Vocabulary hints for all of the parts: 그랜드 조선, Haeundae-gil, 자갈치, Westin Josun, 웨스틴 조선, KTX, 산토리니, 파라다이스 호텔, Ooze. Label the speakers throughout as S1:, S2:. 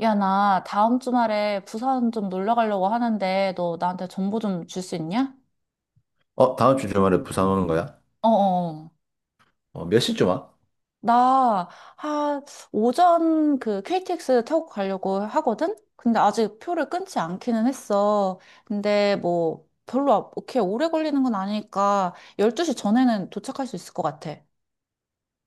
S1: 야, 나 다음 주말에 부산 좀 놀러 가려고 하는데 너 나한테 정보 좀 줄 수 있냐?
S2: 어, 다음 주 주말에 부산 오는 거야?
S1: 어어.
S2: 어, 몇 시쯤 와?
S1: 나 한 오전 그 KTX 타고 가려고 하거든? 근데 아직 표를 끊지 않기는 했어. 근데 뭐 별로 그렇게 오래 걸리는 건 아니니까 12시 전에는 도착할 수 있을 것 같아.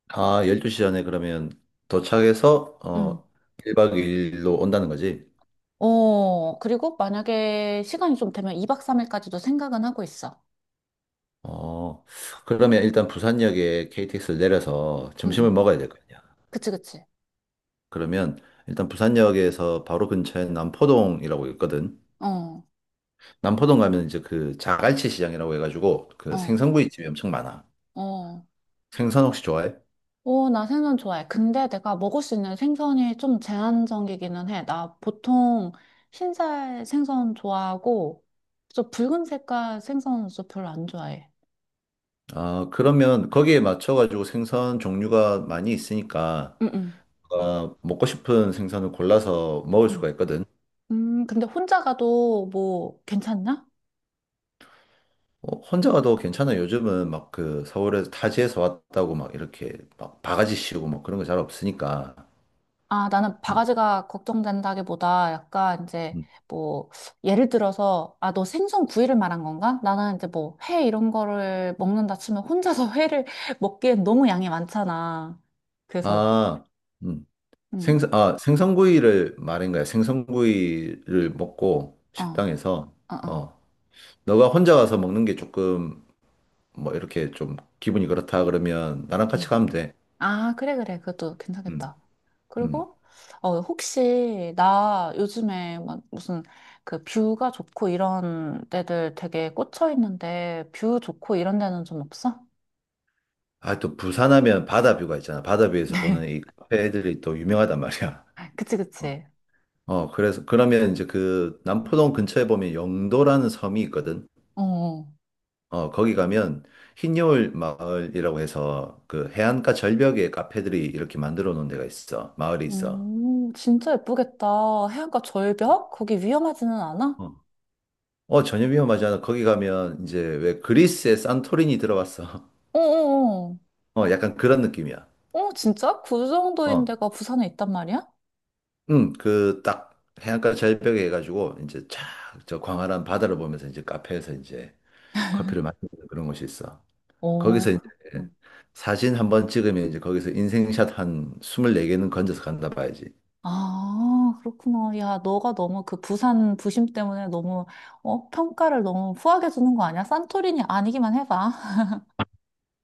S2: 아, 12시 전에 그러면 도착해서,
S1: 응.
S2: 1박 2일로 온다는 거지?
S1: 어, 그리고 만약에 시간이 좀 되면 2박 3일까지도 생각은 하고 있어.
S2: 어, 그러면 일단 부산역에 KTX를 내려서
S1: 응,
S2: 점심을
S1: 응.
S2: 먹어야 될 거 아니야.
S1: 그치, 그치.
S2: 그러면 일단 부산역에서 바로 근처에 남포동이라고 있거든.
S1: 어,
S2: 남포동 가면 이제 그 자갈치 시장이라고 해가지고 그
S1: 어,
S2: 생선구이집이 엄청 많아.
S1: 어.
S2: 생선 혹시 좋아해?
S1: 오, 나 생선 좋아해. 근데 내가 먹을 수 있는 생선이 좀 제한적이기는 해. 나 보통 흰살 생선 좋아하고, 저 붉은 색깔 생선은 좀 별로 안 좋아해.
S2: 아, 그러면 거기에 맞춰가지고 생선 종류가 많이 있으니까
S1: 응응.
S2: 뭔가 먹고 싶은 생선을 골라서 먹을 수가
S1: 음.
S2: 있거든.
S1: 근데 혼자 가도 뭐 괜찮나?
S2: 어, 혼자 가도 괜찮아. 요즘은 막 그 서울에서 타지에서 왔다고 막 이렇게 막 바가지 씌우고 막 그런 거 잘 없으니까.
S1: 아, 나는 바가지가 걱정된다기보다 약간 이제
S2: 음.
S1: 뭐 예를 들어서 아, 너 생선 구이를 말한 건가? 나는 이제 뭐 회 이런 거를 먹는다 치면 혼자서 회를 먹기엔 너무 양이 많잖아. 그래서
S2: 아, 음.
S1: 음.
S2: 아, 생선구이를 말인 거야. 생선구이를 먹고
S1: 어, 어,
S2: 식당에서.
S1: 어.
S2: 어, 너가 혼자 가서 먹는 게 조금 뭐 이렇게 좀 기분이 그렇다 그러면 나랑 같이
S1: 음.
S2: 가면 돼.
S1: 아, 그래, 그래. 그것도
S2: 음,
S1: 괜찮겠다.
S2: 음.
S1: 그리고, 어, 혹시, 나 요즘에 막 무슨 그 뷰가 좋고 이런 데들 되게 꽂혀 있는데, 뷰 좋고 이런 데는 좀 없어?
S2: 아, 또 부산하면 바다뷰가 있잖아. 바다뷰에서 보는 이 카페 애들이 또 유명하단 말이야.
S1: 그치,
S2: 어.
S1: 그치.
S2: 어, 그러면 이제 그 남포동 근처에 보면 영도라는 섬이 있거든.
S1: 어.
S2: 어, 거기 가면 흰여울 마을이라고 해서 그 해안가 절벽에 카페들이 이렇게 만들어 놓은 데가 있어. 마을이 있어.
S1: 진짜 예쁘겠다. 해안가 절벽? 거기 위험하지는 않아?
S2: 어, 어, 전혀 위험하지 않아. 거기 가면 이제 왜 그리스의 산토리니 들어봤어.
S1: 어어어. 어,
S2: 어, 약간 그런 느낌이야.
S1: 어. 어, 진짜? 그 정도인
S2: 어,
S1: 데가 부산에 있단 말이야?
S2: 응, 그 딱 해안가 절벽에 해가지고 이제 쫙 저 광활한 바다를 보면서 이제 카페에서 이제 커피를 마시는 그런 곳이 있어.
S1: 오.
S2: 거기서 이제 사진 한번 찍으면 이제 거기서 인생샷 한 24개는 건져서 간다 봐야지.
S1: 아, 그렇구나. 야, 너가 너무 그 부산 부심 때문에 너무, 어, 평가를 너무 후하게 주는 거 아니야? 산토리니 아니기만 해봐.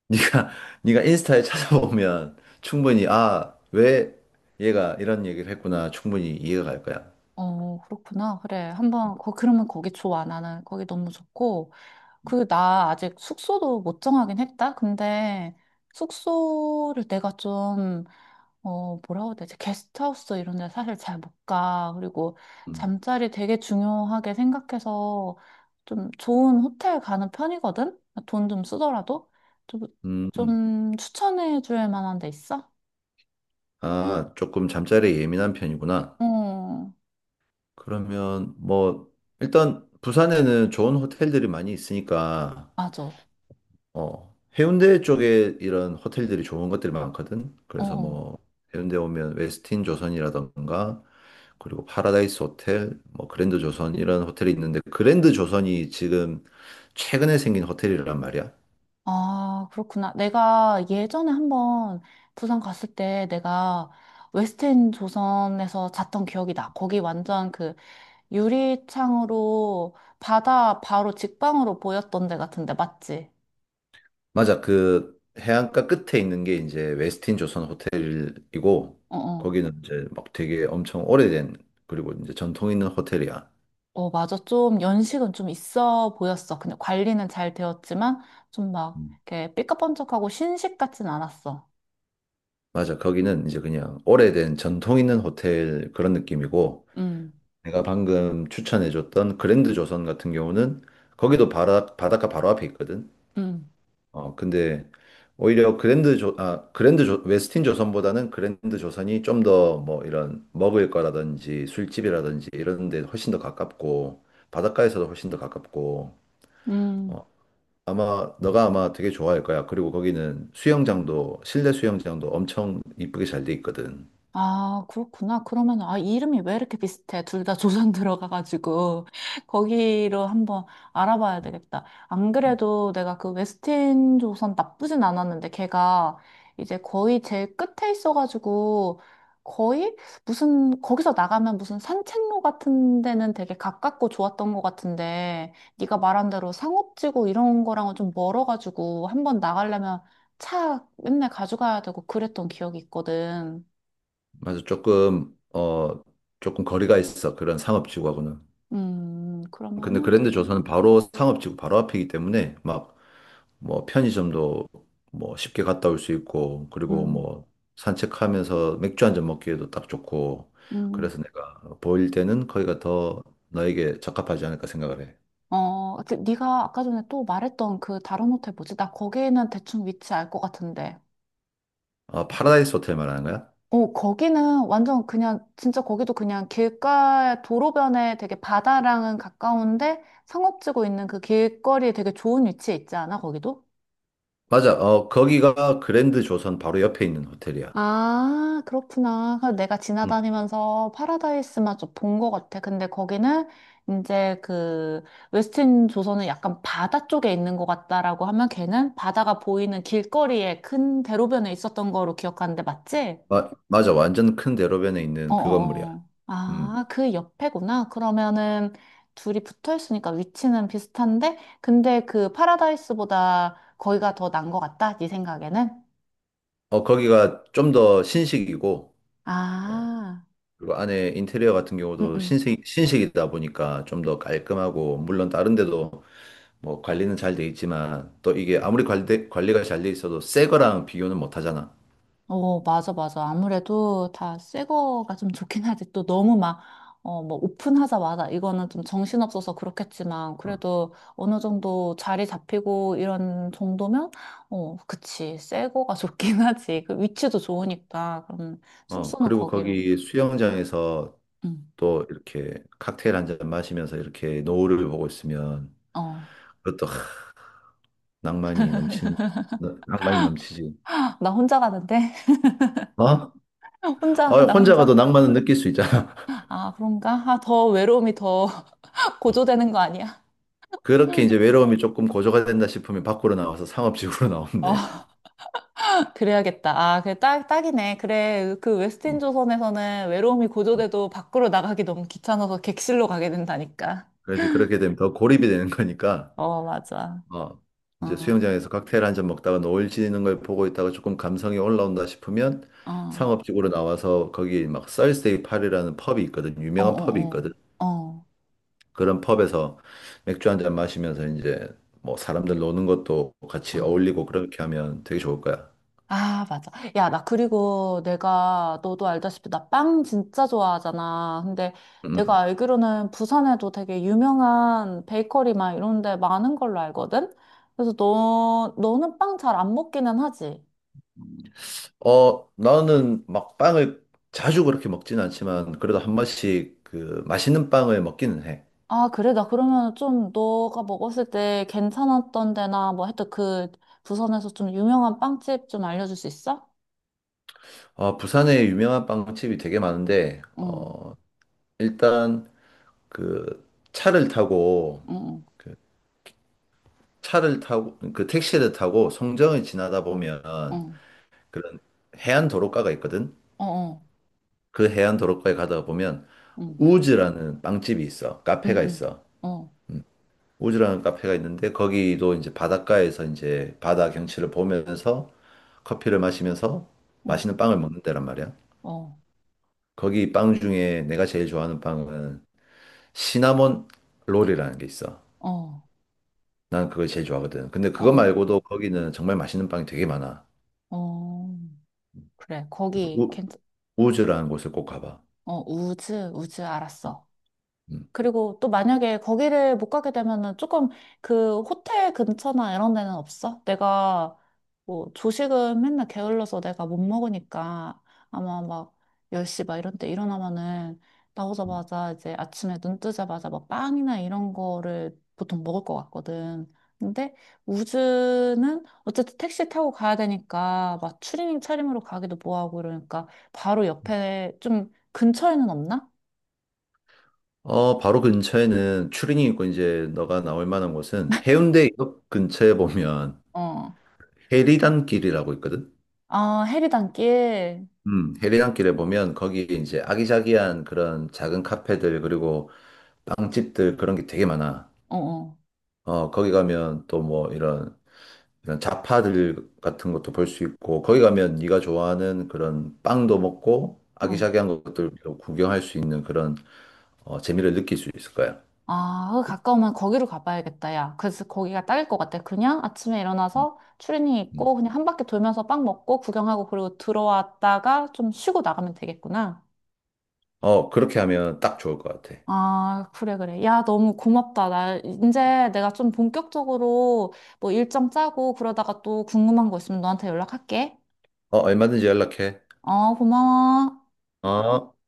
S2: 네가 네가 인스타에 찾아보면 충분히 아, 왜 얘가 이런 얘기를 했구나 충분히 이해가 갈 거야.
S1: 어, 그렇구나. 그래. 한번, 거, 그러면 거기 좋아. 나는 거기 너무 좋고. 그, 나 아직 숙소도 못 정하긴 했다. 근데 숙소를 내가 좀 어, 뭐라고 해야 되지? 게스트하우스 이런 데 사실 잘 못 가. 그리고
S2: 음.
S1: 잠자리 되게 중요하게 생각해서 좀 좋은 호텔 가는 편이거든? 돈 좀 쓰더라도? 좀,
S2: 음. 음.
S1: 좀 추천해 줄 만한 데 있어?
S2: 아, 조금 잠자리에 예민한 편이구나.
S1: 어,
S2: 그러면 뭐 일단 부산에는 좋은 호텔들이 많이 있으니까
S1: 맞아. 어.
S2: 어, 해운대 쪽에 이런 호텔들이 좋은 것들이 많거든. 그래서
S1: 어.
S2: 뭐 해운대 오면 웨스틴 조선이라던가 그리고 파라다이스 호텔, 뭐 그랜드 조선 이런 호텔이 있는데 그랜드 조선이 지금 최근에 생긴 호텔이란 말이야.
S1: 아, 그렇구나. 내가 예전에 한번 부산 갔을 때 내가 웨스트end 조선에서 잤던 기억이 나. 거기 완전 그 유리창으로 바다 바로 직방으로 보였던 데 같은데, 맞지?
S2: 맞아. 그 해안가 끝에 있는 게 이제 웨스틴 조선 호텔이고
S1: 어, 어.
S2: 거기는 이제 막 되게 엄청 오래된 그리고 이제 전통 있는 호텔이야.
S1: 어, 맞아. 좀 연식은 좀 있어 보였어. 근데 관리는 잘 되었지만, 좀 막,
S2: 음.
S1: 이렇게 삐까뻔쩍하고 신식 같진 않았어.
S2: 맞아. 거기는 이제 그냥 오래된 전통 있는 호텔 그런 느낌이고
S1: 음,
S2: 내가 방금 추천해줬던 그랜드 조선 같은 경우는 거기도 바닷가 바로 앞에 있거든.
S1: 음,
S2: 어, 근데 오히려 그랜드 조, 아, 그랜드 조, 웨스틴 조선보다는 그랜드 조선이 좀 더 뭐 이런 먹을 거라든지 술집이라든지 이런 데 훨씬 더 가깝고 바닷가에서도 훨씬 더 가깝고
S1: 음.
S2: 어, 아마 너가 아마 되게 좋아할 거야. 그리고 거기는 수영장도 실내 수영장도 엄청 이쁘게 잘 돼 있거든.
S1: 아, 그렇구나. 그러면, 아, 이 이름이 왜 이렇게 비슷해? 둘 다 조선 들어가가지고, 거기로 한번 알아봐야 되겠다. 안 그래도 내가 그 웨스틴 조선 나쁘진 않았는데, 걔가 이제 거의 제일 끝에 있어가지고, 거의 무슨, 거기서 나가면 무슨 산책로 같은 데는 되게 가깝고 좋았던 것 같은데, 네가 말한 대로 상업지구 이런 거랑은 좀 멀어가지고, 한번 나가려면 차 맨날 가져가야 되고 그랬던 기억이 있거든.
S2: 맞아, 조금 조금 거리가 있어 그런 상업지구하고는. 근데
S1: 그러면은, 니-
S2: 그랜드 조선은 바로 상업지구 바로 앞이기 때문에 막 뭐 편의점도 뭐 쉽게 갔다 올 수 있고 그리고
S1: 음,
S2: 뭐 산책하면서 맥주 한잔 먹기에도 딱 좋고
S1: 음,
S2: 그래서 내가 보일 때는 거기가 더 너에게 적합하지 않을까 생각을 해.
S1: 어, 그 네가 아까 전에 또 말했던 그 다른 호텔 뭐지? 나 거기는 대충 위치 알 것 같은데.
S2: 아, 파라다이스 호텔 말하는 거야?
S1: 어, 거기는 완전 그냥, 진짜 거기도 그냥 길가, 도로변에 되게 바다랑은 가까운데, 상업지고 있는 그 길거리에 되게 좋은 위치에 있지 않아, 거기도?
S2: 맞아. 어, 거기가 그랜드 조선 바로 옆에 있는 호텔이야.
S1: 아, 그렇구나. 그래서 내가
S2: 음.
S1: 지나다니면서 파라다이스만 좀 본 것 같아. 근데 거기는 이제 그 웨스틴 조선은 약간 바다 쪽에 있는 것 같다라고 하면 걔는 바다가 보이는 길거리에 큰 대로변에 있었던 거로 기억하는데 맞지?
S2: 맞아. 완전 큰 대로변에 있는 그 건물이야.
S1: 어어어.
S2: 음.
S1: 아, 그 옆에구나. 그러면은 둘이 붙어 있으니까 위치는 비슷한데, 근데 그 파라다이스보다 거기가 더 난 것 같다. 네 생각에는?
S2: 어, 거기가 좀 더 신식이고 어,
S1: 아,
S2: 그리고 안에 인테리어 같은 경우도
S1: 응응.
S2: 신식이다 보니까 좀 더 깔끔하고, 물론 다른 데도 뭐 관리는 잘 돼 있지만, 또 이게 아무리 관리가 잘 돼 있어도 새 거랑 비교는 못 하잖아.
S1: 어, 맞아, 맞아. 아무래도 다 새 거가 좀 좋긴 하지. 또 너무 막, 어, 뭐, 오픈하자마자, 이거는 좀 정신없어서 그렇겠지만,
S2: 어,
S1: 그래도 어느 정도 자리 잡히고 이런 정도면, 어, 그치. 새 거가 좋긴 하지. 그 위치도 좋으니까. 그럼
S2: 어,
S1: 숙소는
S2: 그리고
S1: 거기로.
S2: 거기 수영장에서
S1: 응.
S2: 또 이렇게 칵테일 한 잔 마시면서 이렇게 노을을 보고 있으면
S1: 어.
S2: 그것도 낭만이 넘치는, 낭만이 넘치지.
S1: 아, 나 혼자 가는데?
S2: 어?
S1: 혼자,
S2: 어,
S1: 나
S2: 혼자 가도
S1: 혼자.
S2: 낭만은 느낄 수 있잖아.
S1: 아, 그런가? 아, 더 외로움이 더
S2: 어.
S1: 고조되는 거 아니야?
S2: 그렇게 이제 외로움이 조금 고조가 된다 싶으면 밖으로 나와서 상업지구로 나오면 돼.
S1: 어. 그래야겠다. 아, 그래, 딱, 딱이네. 그래, 그 웨스틴
S2: 어.
S1: 조선에서는 외로움이
S2: 어.
S1: 고조돼도 밖으로 나가기 너무 귀찮아서 객실로 가게 된다니까.
S2: 그래서 그렇게 되면 더 고립이 되는 거니까,
S1: 어, 맞아.
S2: 어,
S1: 어,
S2: 이제 수영장에서 칵테일 한 잔 먹다가 노을 지는 걸 보고 있다가 조금 감성이 올라온다 싶으면
S1: 어,
S2: 상업지구로 나와서 거기 막 썰스데이 파이라는 펍이 있거든.
S1: 어,
S2: 유명한 펍이
S1: 어,
S2: 있거든.
S1: 어, 어.
S2: 그런 펍에서 맥주 한 잔 마시면서 이제 뭐 사람들 노는 것도 같이
S1: 어.
S2: 어울리고 그렇게 하면 되게 좋을 거야.
S1: 아, 맞아. 야, 나 그리고 내가, 너도 알다시피 나 빵 진짜 좋아하잖아. 근데 내가
S2: 음.
S1: 알기로는 부산에도 되게 유명한 베이커리 막 이런 데 많은 걸로 알거든? 그래서 너는 빵 잘 안 먹기는 하지?
S2: 어, 나는 막 빵을 자주 그렇게 먹진 않지만 그래도 한 번씩 그 맛있는 빵을 먹기는 해.
S1: 아, 그래. 나 그러면 좀 너가 먹었을 때 괜찮았던 데나 뭐 하여튼 그 부산에서 좀 유명한 빵집 좀 알려줄 수 있어?
S2: 어, 부산에 유명한 빵집이 되게 많은데,
S1: 응,
S2: 일단 그 차를 타고,
S1: 응,
S2: 그 그 택시를 타고 송정을 지나다 보면
S1: 응,
S2: 그런 해안 도로가가 있거든?
S1: 응, 어, 어,
S2: 그 해안 도로가에 가다 보면
S1: 응,
S2: 우즈라는 빵집이 있어.
S1: 응,
S2: 카페가
S1: 응,
S2: 있어.
S1: 어,
S2: 우즈라는 카페가 있는데 거기도 이제 바닷가에서 이제 바다 경치를 보면서 커피를 마시면서
S1: 응,
S2: 맛있는 빵을 먹는 데란 말이야.
S1: 어,
S2: 거기 빵 중에 내가 제일 좋아하는 빵은 시나몬 롤이라는 게 있어.
S1: 어,
S2: 난 그걸 제일 좋아하거든. 근데 그거
S1: 어,
S2: 말고도 거기는 정말 맛있는 빵이 되게 많아.
S1: 어, 어. 그래.
S2: 그래서
S1: 거기 괜찮,
S2: 우즈라는 곳을 꼭 가봐.
S1: 어, 우즈, 우즈 알았어.
S2: 음.
S1: 그리고 또 만약에 거기를 못 가게 되면은 조금 그 호텔 근처나 이런 데는 없어? 내가 뭐 조식은 맨날 게을러서 내가 못 먹으니까 아마 막 10시 막 이런 때 일어나면은 나오자마자 이제 아침에 눈 뜨자마자 막 빵이나 이런 거를 보통 먹을 것 같거든. 근데 우즈는 어쨌든 택시 타고 가야 되니까 막 추리닝 차림으로 가기도 뭐하고 이러니까 바로 옆에 좀 근처에는 없나?
S2: 어, 바로 근처에는 추린이 있고 이제 너가 나올 만한 곳은 해운대역 근처에 보면
S1: 어.
S2: 해리단길이라고 있거든.
S1: 아, 해리단길.
S2: 해리단길에 보면 거기에 이제 아기자기한 그런 작은 카페들 그리고 빵집들 그런 게 되게 많아.
S1: 어, 어,
S2: 어, 거기 가면 또 뭐 이런 자파들 같은 것도 볼 수 있고 거기 가면 네가 좋아하는 그런 빵도 먹고
S1: 어.
S2: 아기자기한 것들도 구경할 수 있는 그런 재미를 느낄 수 있을 거야.
S1: 아, 거기 가까우면 거기로 가봐야겠다, 야. 그래서 거기가 딱일 것 같아. 그냥 아침에 일어나서 추리닝
S2: 음.
S1: 입고 그냥 한 바퀴 돌면서 빵 먹고 구경하고 그리고 들어왔다가 좀 쉬고 나가면 되겠구나.
S2: 어, 그렇게 하면 딱 좋을 것 같아.
S1: 아, 그래, 그래. 야, 너무 고맙다. 나 이제 내가 좀 본격적으로 뭐 일정 짜고 그러다가 또 궁금한 거 있으면 너한테 연락할게.
S2: 어, 얼마든지 연락해.
S1: 어, 고마워.
S2: 어.